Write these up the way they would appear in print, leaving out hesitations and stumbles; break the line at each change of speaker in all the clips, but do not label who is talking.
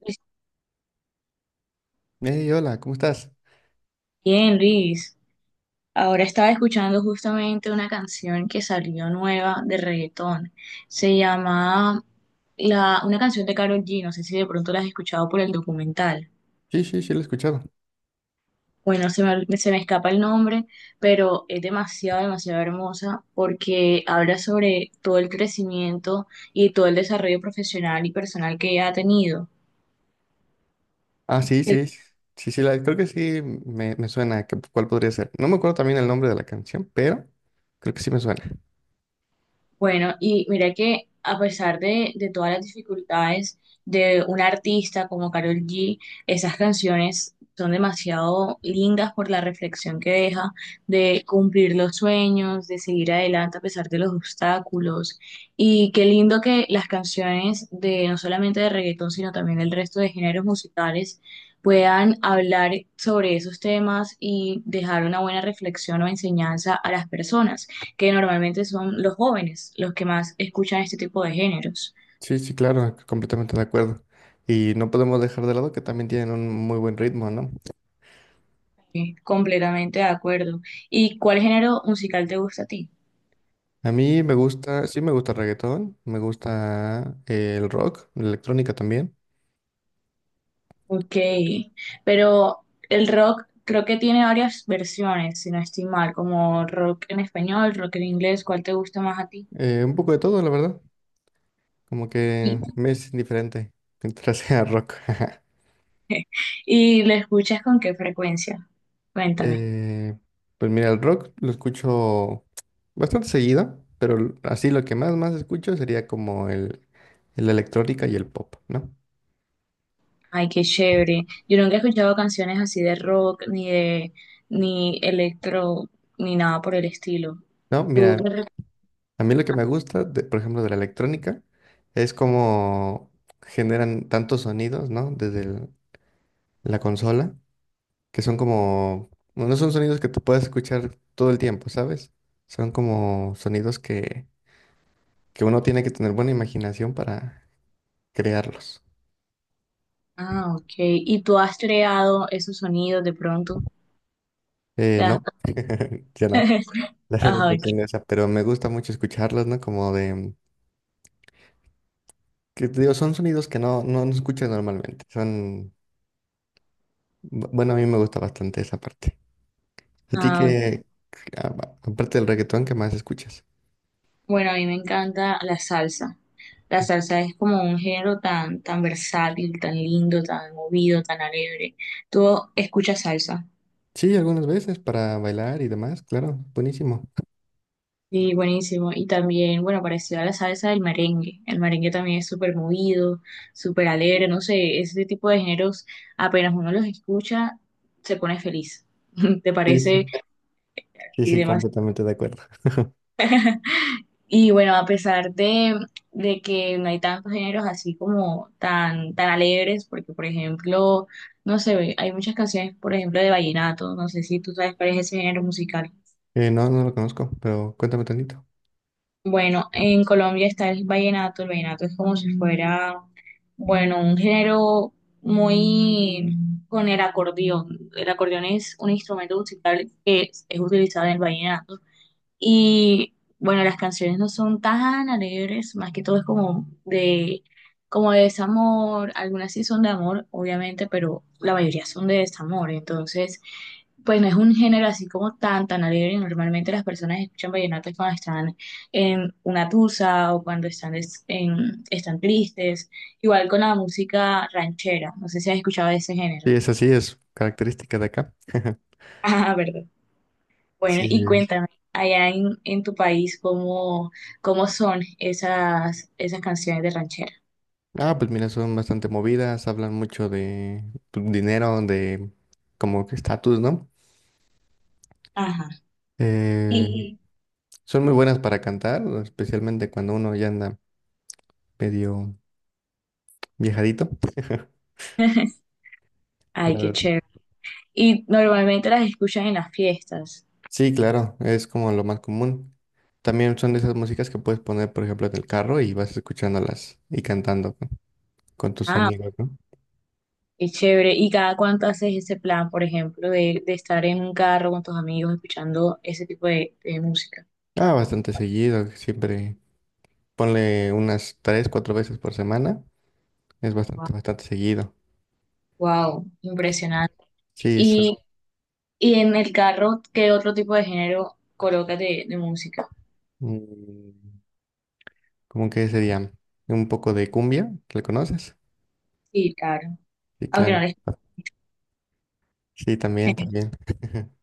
Pues
Hey, hola, ¿cómo estás?
bien, Luis. Ahora estaba escuchando justamente una canción que salió nueva de reggaetón. Se llama una canción de Karol G. No sé si de pronto la has escuchado por el documental.
Sí, sí, sí, lo he escuchado.
Bueno, se me escapa el nombre, pero es demasiado, demasiado hermosa porque habla sobre todo el crecimiento y todo el desarrollo profesional y personal que ella ha tenido.
Ah, sí, sí, sí, sí, sí, la, creo que sí me suena, que- ¿cuál podría ser? No me acuerdo también el nombre de la canción, pero creo que sí me suena.
Bueno, y mira que a pesar de todas las dificultades de un artista como Karol G, esas canciones son demasiado lindas por la reflexión que deja de cumplir los sueños, de seguir adelante a pesar de los obstáculos. Y qué lindo que las canciones de, no solamente de reggaetón, sino también del resto de géneros musicales, puedan hablar sobre esos temas y dejar una buena reflexión o enseñanza a las personas, que normalmente son los jóvenes los que más escuchan este tipo de géneros.
Sí, sí, claro, completamente de acuerdo. Y no podemos dejar de lado que también tienen un muy buen ritmo, ¿no?
Sí, completamente de acuerdo. ¿Y cuál género musical te gusta a ti?
A mí me gusta, sí me gusta el reggaetón, me gusta el rock, la electrónica también.
Ok, pero el rock creo que tiene varias versiones, si no estoy mal, como rock en español, rock en inglés. ¿Cuál te gusta más a ti?
Un poco de todo, la verdad, como
¿Y,
que me es indiferente mientras sea rock.
y lo escuchas con qué frecuencia? Cuéntame.
Eh, pues mira, el rock lo escucho bastante seguido, pero así lo que más escucho sería como el electrónica y el pop, ¿no?
Ay, qué chévere. Yo nunca he escuchado canciones así de rock, ni de, ni electro, ni nada por el estilo.
No,
¿Tú
mira, a mí lo que me gusta, por ejemplo, de la electrónica, es como generan tantos sonidos, ¿no? Desde la consola, que son como, bueno, no son sonidos que tú puedas escuchar todo el tiempo, ¿sabes? Son como sonidos que uno tiene que tener buena imaginación para crearlos.
Ah, ok. ¿Y tú has creado esos sonidos de pronto? ¿Te das
¿No? Ya no.
cuenta?
La verdad
Ah,
no tengo
ok.
esa, pero me gusta mucho escucharlos, ¿no? Como de, que te digo, son sonidos que no, no, no escuchas normalmente. Son, bueno, a mí me gusta bastante esa parte. ¿A ti
Ah, ok.
que aparte del reggaetón, qué más escuchas?
Bueno, a mí me encanta la salsa. La salsa es como un género tan, tan versátil, tan lindo, tan movido, tan alegre. ¿Tú escuchas salsa?
Sí, algunas veces para bailar y demás, claro, buenísimo.
Sí, buenísimo. Y también, bueno, parecido a la salsa, el merengue. El merengue también es súper movido, súper alegre. No sé, ese tipo de géneros, apenas uno los escucha, se pone feliz. ¿Te
Sí,
parece?
sí, sí,
Y
sí,
demás.
completamente de acuerdo.
Y bueno, a pesar de que no hay tantos géneros así como tan, tan alegres, porque por ejemplo, no sé, hay muchas canciones, por ejemplo, de vallenato. No sé si tú sabes cuál es ese género musical.
No, no lo conozco, pero cuéntame tantito.
Bueno, en Colombia está el vallenato. El vallenato es como si fuera, bueno, un género muy con el acordeón. El acordeón es un instrumento musical es utilizado en el vallenato. Y bueno, las canciones no son tan alegres, más que todo es como como de desamor. Algunas sí son de amor, obviamente, pero la mayoría son de desamor, entonces pues no es un género así como tan, tan alegre. Normalmente las personas escuchan vallenato es cuando están en una tusa o cuando están tristes, igual con la música ranchera. No sé si has escuchado de ese género.
Sí, eso sí es característica de acá.
Ah, ¿verdad? Bueno,
Sí,
y
sí.
cuéntame, allá en tu país, ¿cómo, cómo son esas canciones de ranchera?
Ah, pues mira, son bastante movidas, hablan mucho de pues, dinero, de como que estatus, ¿no?
Ajá.
Eh,
Y...
Son muy buenas para cantar, especialmente cuando uno ya anda medio viejadito,
Ay,
la
qué
verdad.
chévere. Y normalmente las escuchas en las fiestas.
Sí, claro, es como lo más común. También son de esas músicas que puedes poner, por ejemplo, en el carro y vas escuchándolas y cantando con tus
Ah,
amigos, ¿no?
qué chévere. ¿Y cada cuánto haces ese plan, por ejemplo, de estar en un carro con tus amigos escuchando ese tipo de música?
Ah, bastante seguido, siempre ponle unas tres, cuatro veces por semana, es bastante, bastante seguido.
Wow, impresionante.
Sí, son-
Y, y en el carro, ¿qué otro tipo de género colocas de música?
Mm, ¿cómo que sería? Un poco de cumbia, ¿la conoces?
Sí, claro.
Sí,
Aunque no
claro.
les...
Sí, también, también.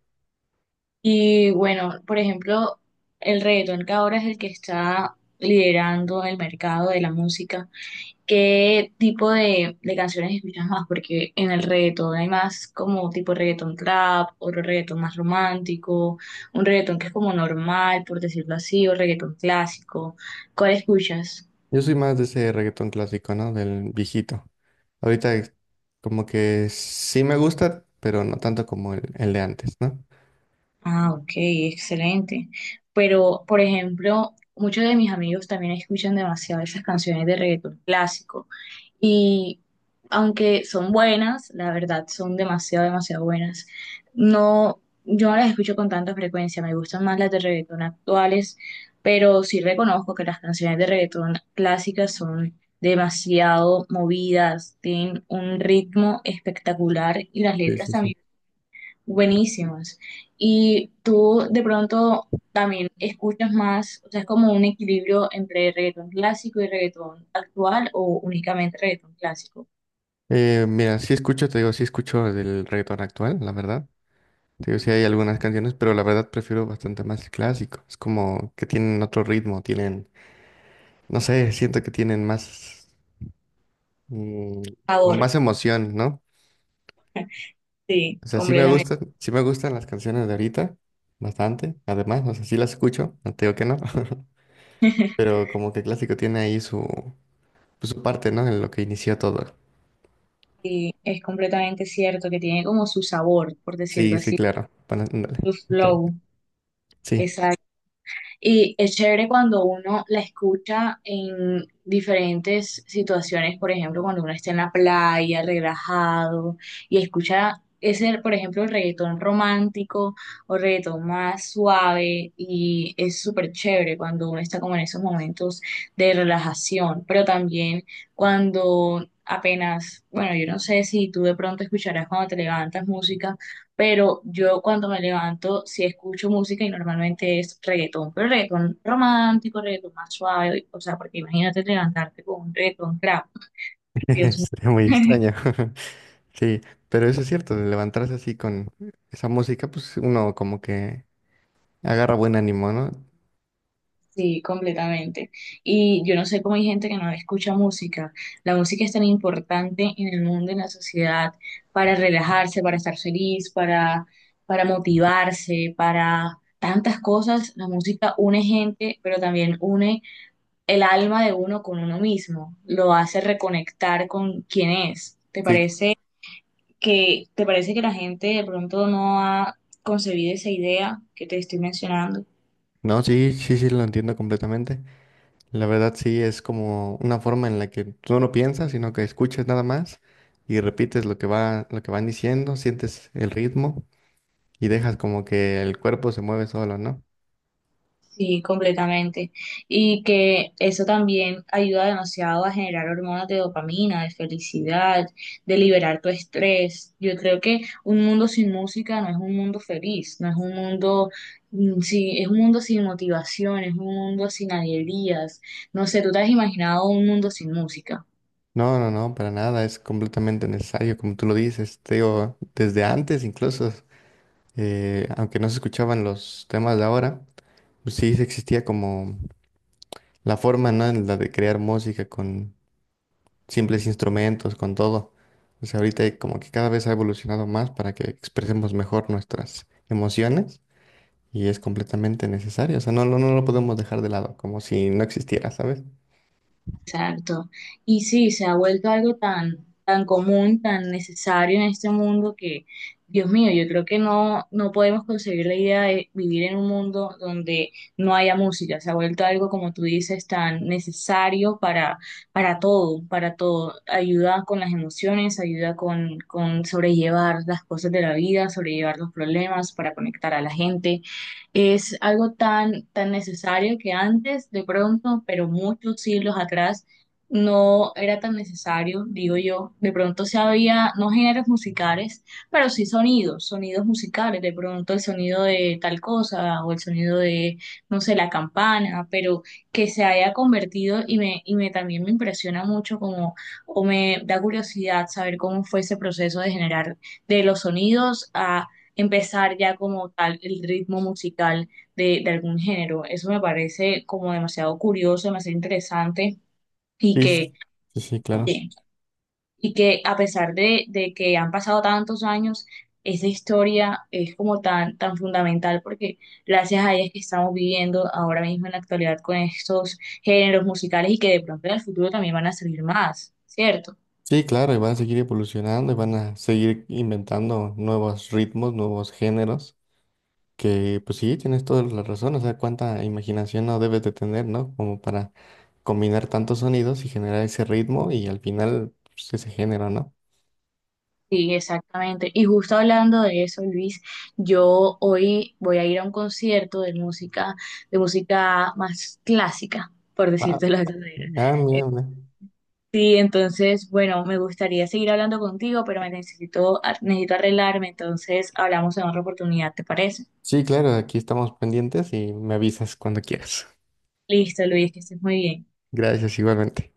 Y bueno, por ejemplo, el reggaetón, que ahora es el que está liderando el mercado de la música, ¿qué tipo de canciones escuchas más? Porque en el reggaetón hay más como tipo reggaetón trap, otro reggaetón más romántico, un reggaetón que es como normal, por decirlo así, o reggaetón clásico. ¿Cuál escuchas?
Yo soy más de ese reggaetón clásico, ¿no? Del viejito. Ahorita es como que sí me gusta, pero no tanto como el de antes, ¿no?
Ah, ok, excelente. Pero, por ejemplo, muchos de mis amigos también escuchan demasiado esas canciones de reggaetón clásico. Y aunque son buenas, la verdad son demasiado, demasiado buenas. No, yo no las escucho con tanta frecuencia, me gustan más las de reggaetón actuales, pero sí reconozco que las canciones de reggaetón clásicas son demasiado movidas, tienen un ritmo espectacular y las
Sí,
letras
sí, sí.
también buenísimas. Y tú de pronto también escuchas más, o sea, ¿es como un equilibrio entre reggaetón clásico y reggaetón actual o únicamente reggaetón clásico?
Mira, sí escucho, te digo, sí escucho del reggaetón actual, la verdad. Te digo, sí hay algunas canciones, pero la verdad prefiero bastante más el clásico. Es como que tienen otro ritmo, tienen, no sé, siento que tienen más. mm, Como
Ahora,
más emoción, ¿no?
sí,
O sea,
completamente.
sí me gustan las canciones de ahorita, bastante. Además, o sea, sí las escucho, no te digo que no. Pero como que clásico tiene ahí pues, su parte, ¿no? En lo que inició todo.
Y es completamente cierto que tiene como su sabor, por
Sí,
decirlo
sí,
así,
claro. Bueno, ándale,
su
justamente.
flow,
Sí.
esa... Y es chévere cuando uno la escucha en diferentes situaciones, por ejemplo, cuando uno está en la playa, relajado, y escucha ese, por ejemplo, el reggaetón romántico o reggaetón más suave, y es súper chévere cuando uno está como en esos momentos de relajación. Pero también cuando apenas, bueno, yo no sé si tú de pronto escucharás cuando te levantas música, pero yo cuando me levanto sí escucho música y normalmente es reggaetón, pero reggaetón romántico, reggaetón más suave. O sea, porque imagínate levantarte con un reggaetón trap, Dios mío.
Sería muy extraño. Sí, pero eso es cierto, de levantarse así con esa música, pues uno como que agarra buen ánimo, ¿no?
Sí, completamente. Y yo no sé cómo hay gente que no escucha música. La música es tan importante en el mundo, en la sociedad, para relajarse, para estar feliz, para motivarse, para tantas cosas. La música une gente, pero también une el alma de uno con uno mismo, lo hace reconectar con quién es. ¿Te
Sí,
parece te parece que la gente de pronto no ha concebido esa idea que te estoy mencionando?
no, sí, sí, sí, lo entiendo completamente. La verdad sí es como una forma en la que tú no piensas, sino que escuchas nada más y repites lo que va, lo que van diciendo, sientes el ritmo y dejas como que el cuerpo se mueve solo, ¿no?
Sí, completamente. Y que eso también ayuda demasiado a generar hormonas de dopamina, de felicidad, de liberar tu estrés. Yo creo que un mundo sin música no es un mundo feliz, no es un mundo, mm, sí, es un mundo sin motivación, es un mundo sin alegrías. No sé, ¿tú te has imaginado un mundo sin música?
No, no, no, para nada, es completamente necesario, como tú lo dices, te digo, desde antes incluso, aunque no se escuchaban los temas de ahora, pues sí existía como la forma, ¿no? En la de crear música con, simples instrumentos, con todo. O sea, ahorita como que cada vez ha evolucionado más para que expresemos mejor nuestras emociones y es completamente necesario. O sea, no, no, no lo podemos dejar de lado, como si no existiera, ¿sabes?
Exacto. Y sí, se ha vuelto algo tan, tan común, tan necesario en este mundo que, Dios mío, yo creo que no, no podemos concebir la idea de vivir en un mundo donde no haya música. Se ha vuelto algo, como tú dices, tan necesario para todo, para todo. Ayuda con las emociones, ayuda con sobrellevar las cosas de la vida, sobrellevar los problemas, para conectar a la gente. Es algo tan, tan necesario, que antes, de pronto, pero muchos siglos atrás, no era tan necesario, digo yo. De pronto se había, no géneros musicales, pero sí sonidos, sonidos musicales. De pronto el sonido de tal cosa o el sonido de, no sé, la campana. Pero que se haya convertido y me también me impresiona mucho como, o me da curiosidad saber cómo fue ese proceso de generar, de los sonidos, a empezar ya como tal el ritmo musical de algún género. Eso me parece como demasiado curioso, demasiado interesante y
Sí,
que,
sí, sí, claro.
sí, y que a pesar de que han pasado tantos años, esa historia es como tan, tan fundamental, porque gracias a ella es que estamos viviendo ahora mismo en la actualidad con estos géneros musicales, y que de pronto en el futuro también van a salir más, ¿cierto?
Sí, claro, y van a seguir evolucionando y van a seguir inventando nuevos ritmos, nuevos géneros, que pues sí, tienes toda la razón, o sea, cuánta imaginación no debes de tener, ¿no? Como para combinar tantos sonidos y generar ese ritmo y al final pues, ese género, ¿no?
Sí, exactamente. Y justo hablando de eso, Luis, yo hoy voy a ir a un concierto de música más clásica, por decirte la verdadera.
Ah,
Eh,
mira, mira.
Sí, entonces, bueno, me gustaría seguir hablando contigo, pero necesito arreglarme, entonces hablamos en otra oportunidad, ¿te parece?
Sí, claro, aquí estamos pendientes y me avisas cuando quieras.
Listo, Luis, que estés muy bien.
Gracias, igualmente.